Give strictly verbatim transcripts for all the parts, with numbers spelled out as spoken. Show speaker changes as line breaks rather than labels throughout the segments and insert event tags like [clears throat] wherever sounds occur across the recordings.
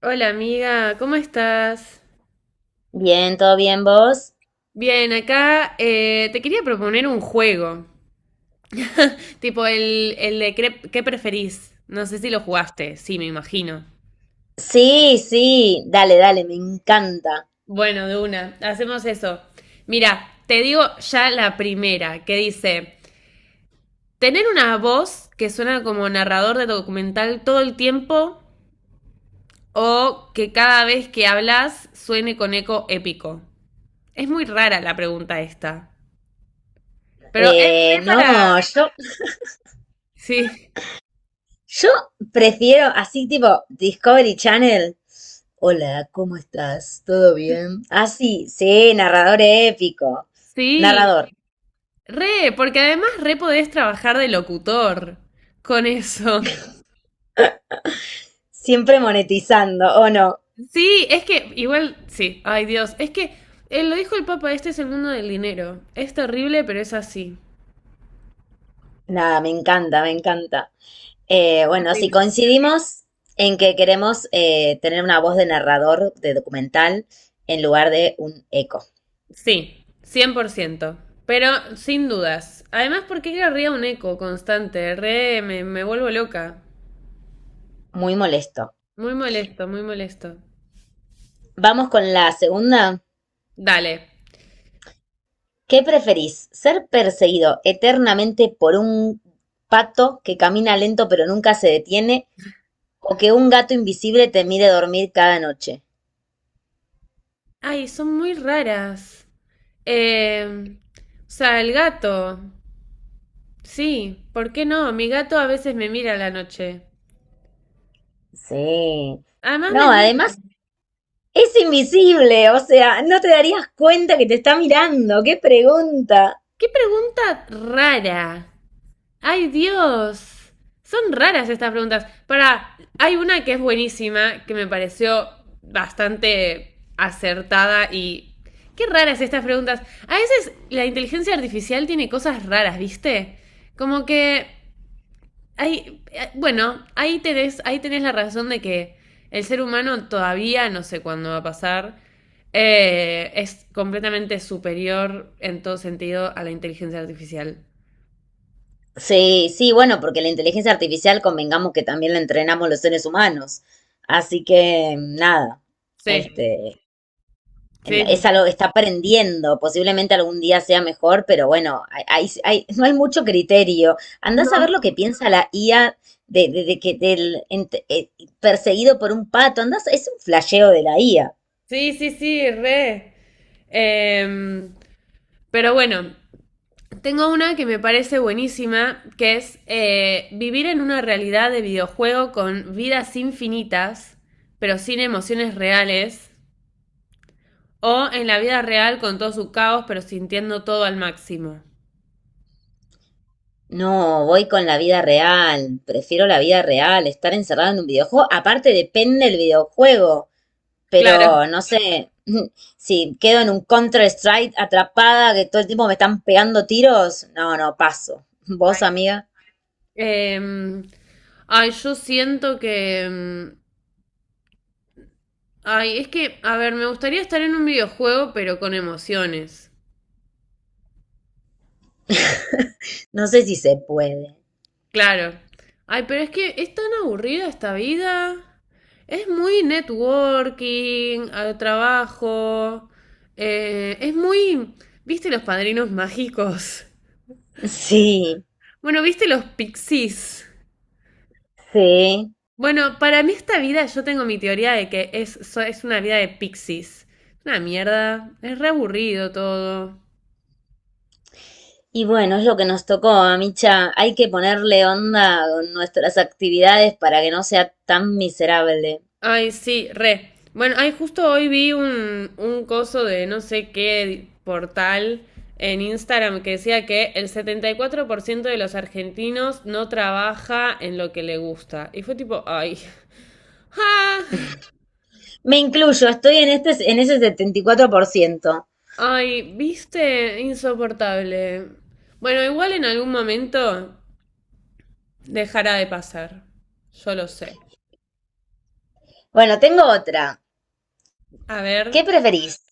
Hola amiga, ¿cómo estás?
Bien, ¿todo bien vos?
Bien, acá eh, te quería proponer un juego, tipo el, el de cre- qué preferís. No sé si lo jugaste, sí, me imagino.
Sí, sí, dale, dale, me encanta.
Bueno, de una, hacemos eso. Mira, te digo ya la primera, que dice, tener una voz que suena como narrador de documental todo el tiempo o que cada vez que hablas suene con eco épico. Es muy rara la pregunta esta, pero es re
Eh,
para...
no, yo, [laughs]
Sí,
yo prefiero así tipo Discovery Channel. Hola, ¿cómo estás? ¿Todo bien? Ah, sí, sí, narrador épico.
sí.
Narrador,
Re, porque además re podés trabajar de locutor con eso.
siempre monetizando, ¿o no?
Sí, es que igual, sí, ay Dios, es que eh, lo dijo el Papa, este es el mundo del dinero. Es terrible, pero es así.
Nada, me encanta, me encanta. Eh, bueno, si
Terrible.
coincidimos en que queremos eh, tener una voz de narrador de documental en lugar de un eco.
Sí, cien por ciento. Pero sin dudas. Además, ¿porque qué querría un eco constante? Re, me, me vuelvo loca.
Muy molesto.
Muy molesto, muy molesto.
Vamos con la segunda.
Dale.
¿Qué preferís? ¿Ser perseguido eternamente por un pato que camina lento pero nunca se detiene o que un gato invisible te mire dormir cada noche?
Ay, son muy raras. Eh, o sea, el gato. Sí, ¿por qué no? Mi gato a veces me mira a la noche.
Sí.
Además me
No,
mira.
además es invisible, o sea, no te darías cuenta que te está mirando. ¡Qué pregunta!
¡Qué pregunta rara! ¡Ay, Dios! Son raras estas preguntas. Para, hay una que es buenísima, que me pareció bastante acertada y... ¡Qué raras estas preguntas! A veces la inteligencia artificial tiene cosas raras, ¿viste? Como que... Ahí, eh, bueno, ahí tenés, ahí tenés la razón de que el ser humano todavía, no sé cuándo va a pasar, eh, es completamente superior en todo sentido a la inteligencia artificial.
Sí, sí, bueno, porque la inteligencia artificial convengamos que también la entrenamos los seres humanos. Así que nada,
Sí,
este, en-
sí,
es
sí,
algo que está aprendiendo, posiblemente algún día sea mejor, pero bueno, hay, hay- hay- no hay mucho criterio. Andás a ver lo que piensa la I A de, de- de que del ent- eh, perseguido por un pato, andás, es un flasheo de la I A.
sí, sí, sí, sí, re. Em, pero bueno, tengo una que me parece buenísima, que es eh, vivir en una realidad de videojuego con vidas infinitas, pero sin emociones reales, o en la vida real con todo su caos, pero sintiendo todo al máximo.
No, voy con la vida real, prefiero la vida real, estar encerrado en un videojuego, aparte depende del videojuego,
Claro.
pero no sé, [laughs] si quedo en un Counter-Strike atrapada que todo el tiempo me están pegando tiros, no, no, paso. ¿Vos, amiga?
Em, ay, yo siento que... em, ay, es que, a ver, me gustaría estar en un videojuego, pero con emociones.
[laughs] No sé si se puede.
Claro. Ay, pero es que es tan aburrida esta vida. Es muy networking, al trabajo. eh, es muy... ¿Viste los padrinos [laughs] mágicos?
Sí,
Bueno, ¿viste los pixies?
sí.
Bueno, para mí esta vida, yo tengo mi teoría de que es, so- es una vida de pixies. Una mierda, es re aburrido todo.
Y bueno, es lo que nos tocó, Micha. Hay que ponerle onda con nuestras actividades para que no sea tan miserable.
Ay, sí, re. Bueno, ay, justo hoy vi un, un coso de no sé qué portal en Instagram que decía que el setenta y cuatro por ciento de los argentinos no trabaja en lo que le gusta. Y fue tipo, ay, [laughs] ah,
Me incluyo, estoy en este, en ese setenta y cuatro por ciento.
ay, viste, insoportable. Bueno, igual en algún momento dejará de pasar. Yo lo sé.
Bueno, tengo otra.
A
¿Qué
ver.
preferís?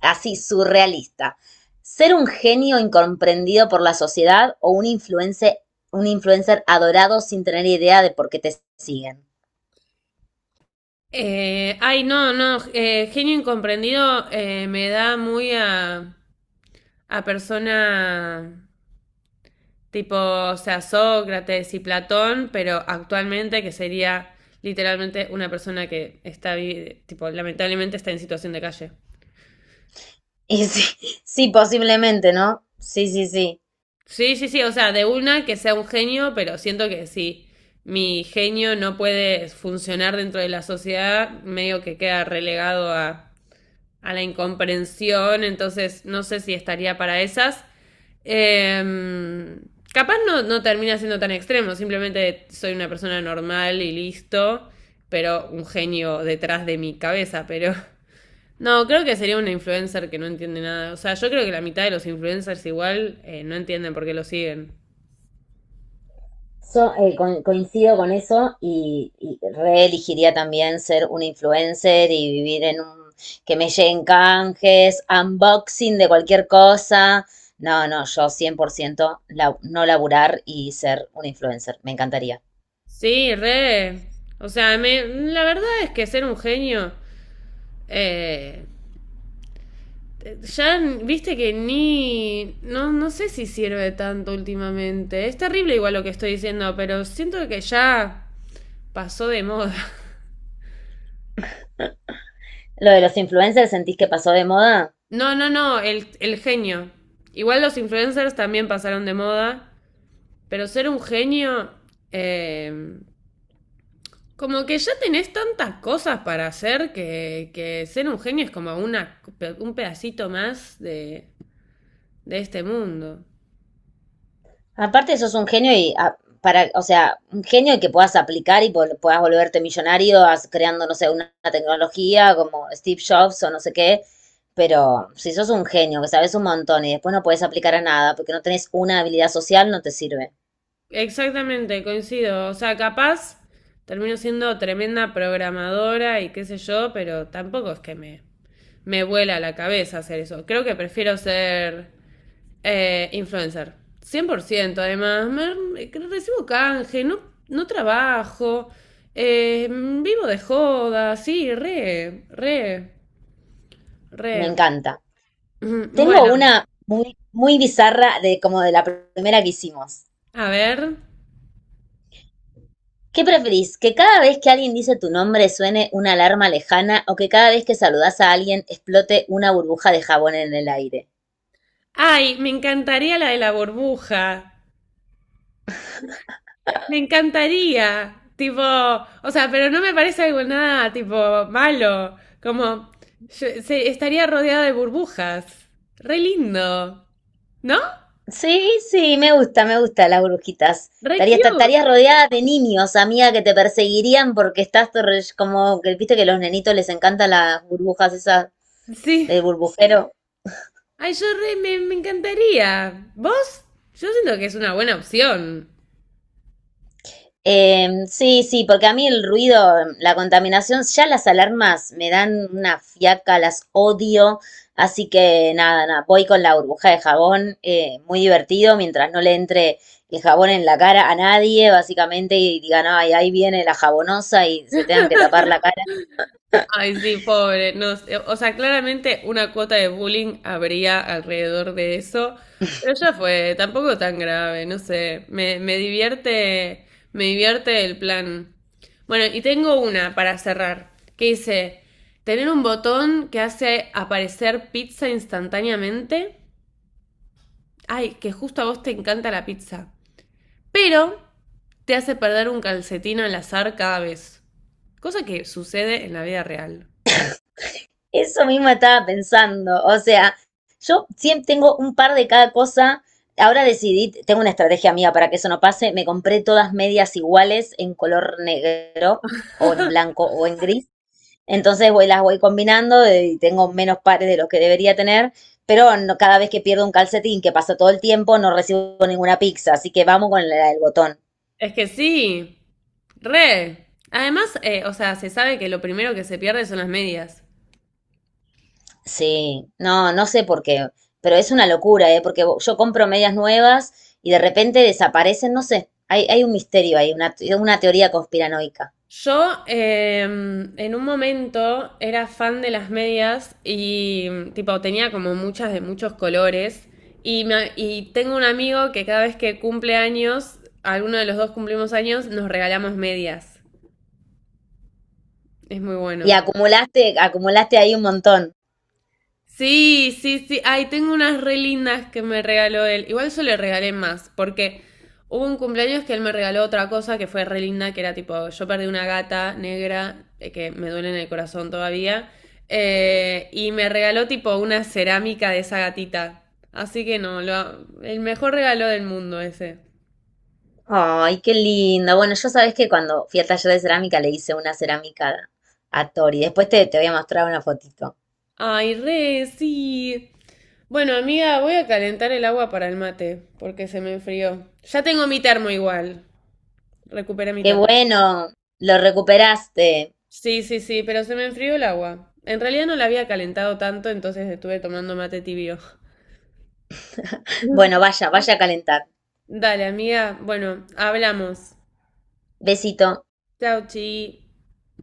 Así, surrealista. ¿Ser un genio incomprendido por la sociedad o un influencer, un influencer adorado sin tener idea de por qué te siguen?
eh, ay, no, no. Eh, genio incomprendido, eh, me da muy a, a persona tipo, o sea, Sócrates y Platón, pero actualmente que sería literalmente una persona que está, vi- tipo, lamentablemente está en situación de calle.
Y sí, sí, posiblemente, ¿no? Sí, sí, sí.
Sí, sí, sí, o sea, de una que sea un genio, pero siento que si mi genio no puede funcionar dentro de la sociedad, medio que queda relegado a a la incomprensión, entonces no sé si estaría para esas. Eh, capaz no, no termina siendo tan extremo, simplemente soy una persona normal y listo, pero un genio detrás de mi cabeza, pero... [laughs] No, creo que sería una influencer que no entiende nada. O sea, yo creo que la mitad de los influencers igual eh, no entienden por qué lo siguen.
So, eh, co- coincido con eso y, y reelegiría también ser un influencer y vivir en un... que me lleguen canjes, unboxing de cualquier cosa. No, no, yo cien por ciento la- no laburar y ser un influencer. Me encantaría.
Sí, re. O sea, me, la verdad es que ser un genio, eh, ya viste que ni. No, no sé si sirve tanto últimamente. Es terrible igual lo que estoy diciendo, pero siento que ya pasó de moda. [laughs]
Lo de los influencers, ¿sentís que pasó de moda?
No, no, no, el, el genio. Igual los influencers también pasaron de moda, pero ser un genio. eh, Como que ya tenés tantas cosas para hacer que, que ser un genio es como una, un pedacito más de, de este mundo.
Aparte sos un genio y ah, para, o sea, un genio que puedas aplicar y pol- puedas volverte millonario as- creando, no sé, una una tecnología como Steve Jobs o no sé qué. Pero si sos un genio, que sabes un montón y después no puedes aplicar a nada porque no tenés una habilidad social, no te sirve.
Exactamente, coincido. O sea, capaz termino siendo tremenda programadora y qué sé yo, pero tampoco es que me, me vuela la cabeza hacer eso. Creo que prefiero ser eh, influencer. Cien por ciento. Además, Me- recibo canje, no, no trabajo, eh, vivo de joda, sí, re, re,
Me
re.
encanta.
[clears throat] Ujú.
Tengo
Bueno,
una muy, muy bizarra de como de la primera que hicimos.
a ver.
¿Qué preferís? ¿Que cada vez que alguien dice tu nombre suene una alarma lejana o que cada vez que saludás a alguien explote una burbuja de jabón en el aire?
Ay, me encantaría la de la burbuja. Me encantaría, tipo, o sea, pero no me parece algo nada, tipo, malo, como, yo- se- estaría rodeada de burbujas, re lindo, ¿no?
Sí, sí, me gusta, me gusta las brujitas.
Re
Estarías, esta-
cute,
estarías rodeada de niños, amiga, que te perseguirían porque estás torre- como que viste que a los nenitos les encantan las burbujas esas
sí.
del burbujero.
Ay, yo re, me, me encantaría. ¿Vos? Yo siento que es una buena opción.
Eh, sí, sí, porque a mí el ruido, la contaminación, ya las alarmas me dan una fiaca, las odio. Así que nada, nada, voy con la burbuja de jabón, eh, muy divertido, mientras no le entre el jabón en la cara a nadie, básicamente, y digan, ay, ahí viene la jabonosa y se tengan que tapar la cara.
Ay, sí, pobre. No, sé, o sea, claramente una cuota de bullying habría alrededor de eso, pero ya fue, tampoco tan grave, no sé. Me, me divierte, me divierte el plan. Bueno, y tengo una para cerrar, que dice, tener un botón que hace aparecer pizza instantáneamente. Ay, que justo a vos te encanta la pizza, pero te hace perder un calcetín al azar cada vez. Cosa que sucede en la vida real.
Eso mismo estaba pensando. O sea, yo siempre tengo un par de cada cosa. Ahora decidí, tengo una estrategia mía para que eso no pase. Me compré todas medias iguales en color negro o en blanco o en gris. Entonces voy, las voy combinando eh, y tengo menos pares de los que debería tener. Pero no- cada vez que pierdo un calcetín, que pasa todo el tiempo, no recibo ninguna pizza. Así que vamos con la del botón.
Es que sí. Re. Además, eh, o sea, se sabe que lo primero que se pierde son las medias.
Sí, no, no sé por qué, pero es una locura, ¿eh? Porque yo compro medias nuevas y de repente desaparecen, no sé, hay, hay un misterio ahí, una, una teoría conspiranoica.
Yo eh, en un momento era fan de las medias y tipo tenía como muchas de muchos colores y, me- y tengo un amigo que cada vez que cumple años, alguno de los dos cumplimos años, nos regalamos medias. Es muy
Y
bueno.
acumulaste, acumulaste ahí un montón.
Sí, sí, sí. Ay, tengo unas re lindas que me regaló él. Igual yo le regalé más, porque hubo un cumpleaños que él me regaló otra cosa que fue re linda, que era tipo, yo perdí una gata negra, eh, que me duele en el corazón todavía, eh, y me regaló tipo una cerámica de esa gatita. Así que no, lo- el mejor regalo del mundo ese.
Ay, qué lindo. Bueno, yo sabes que cuando fui al taller de cerámica le hice una cerámica a Tori. Después te, te voy a mostrar una fotito.
Ay, re, sí. Bueno, amiga, voy a calentar el agua para el mate, porque se me enfrió. Ya tengo mi termo igual. Recuperé mi
Qué
termo.
bueno, lo recuperaste.
Sí, sí, sí, pero se me enfrió el agua. En realidad no la había calentado tanto, entonces estuve tomando mate tibio.
Bueno, vaya, vaya a calentar.
[laughs] Dale, amiga. Bueno, hablamos.
Besito.
Chau, chi.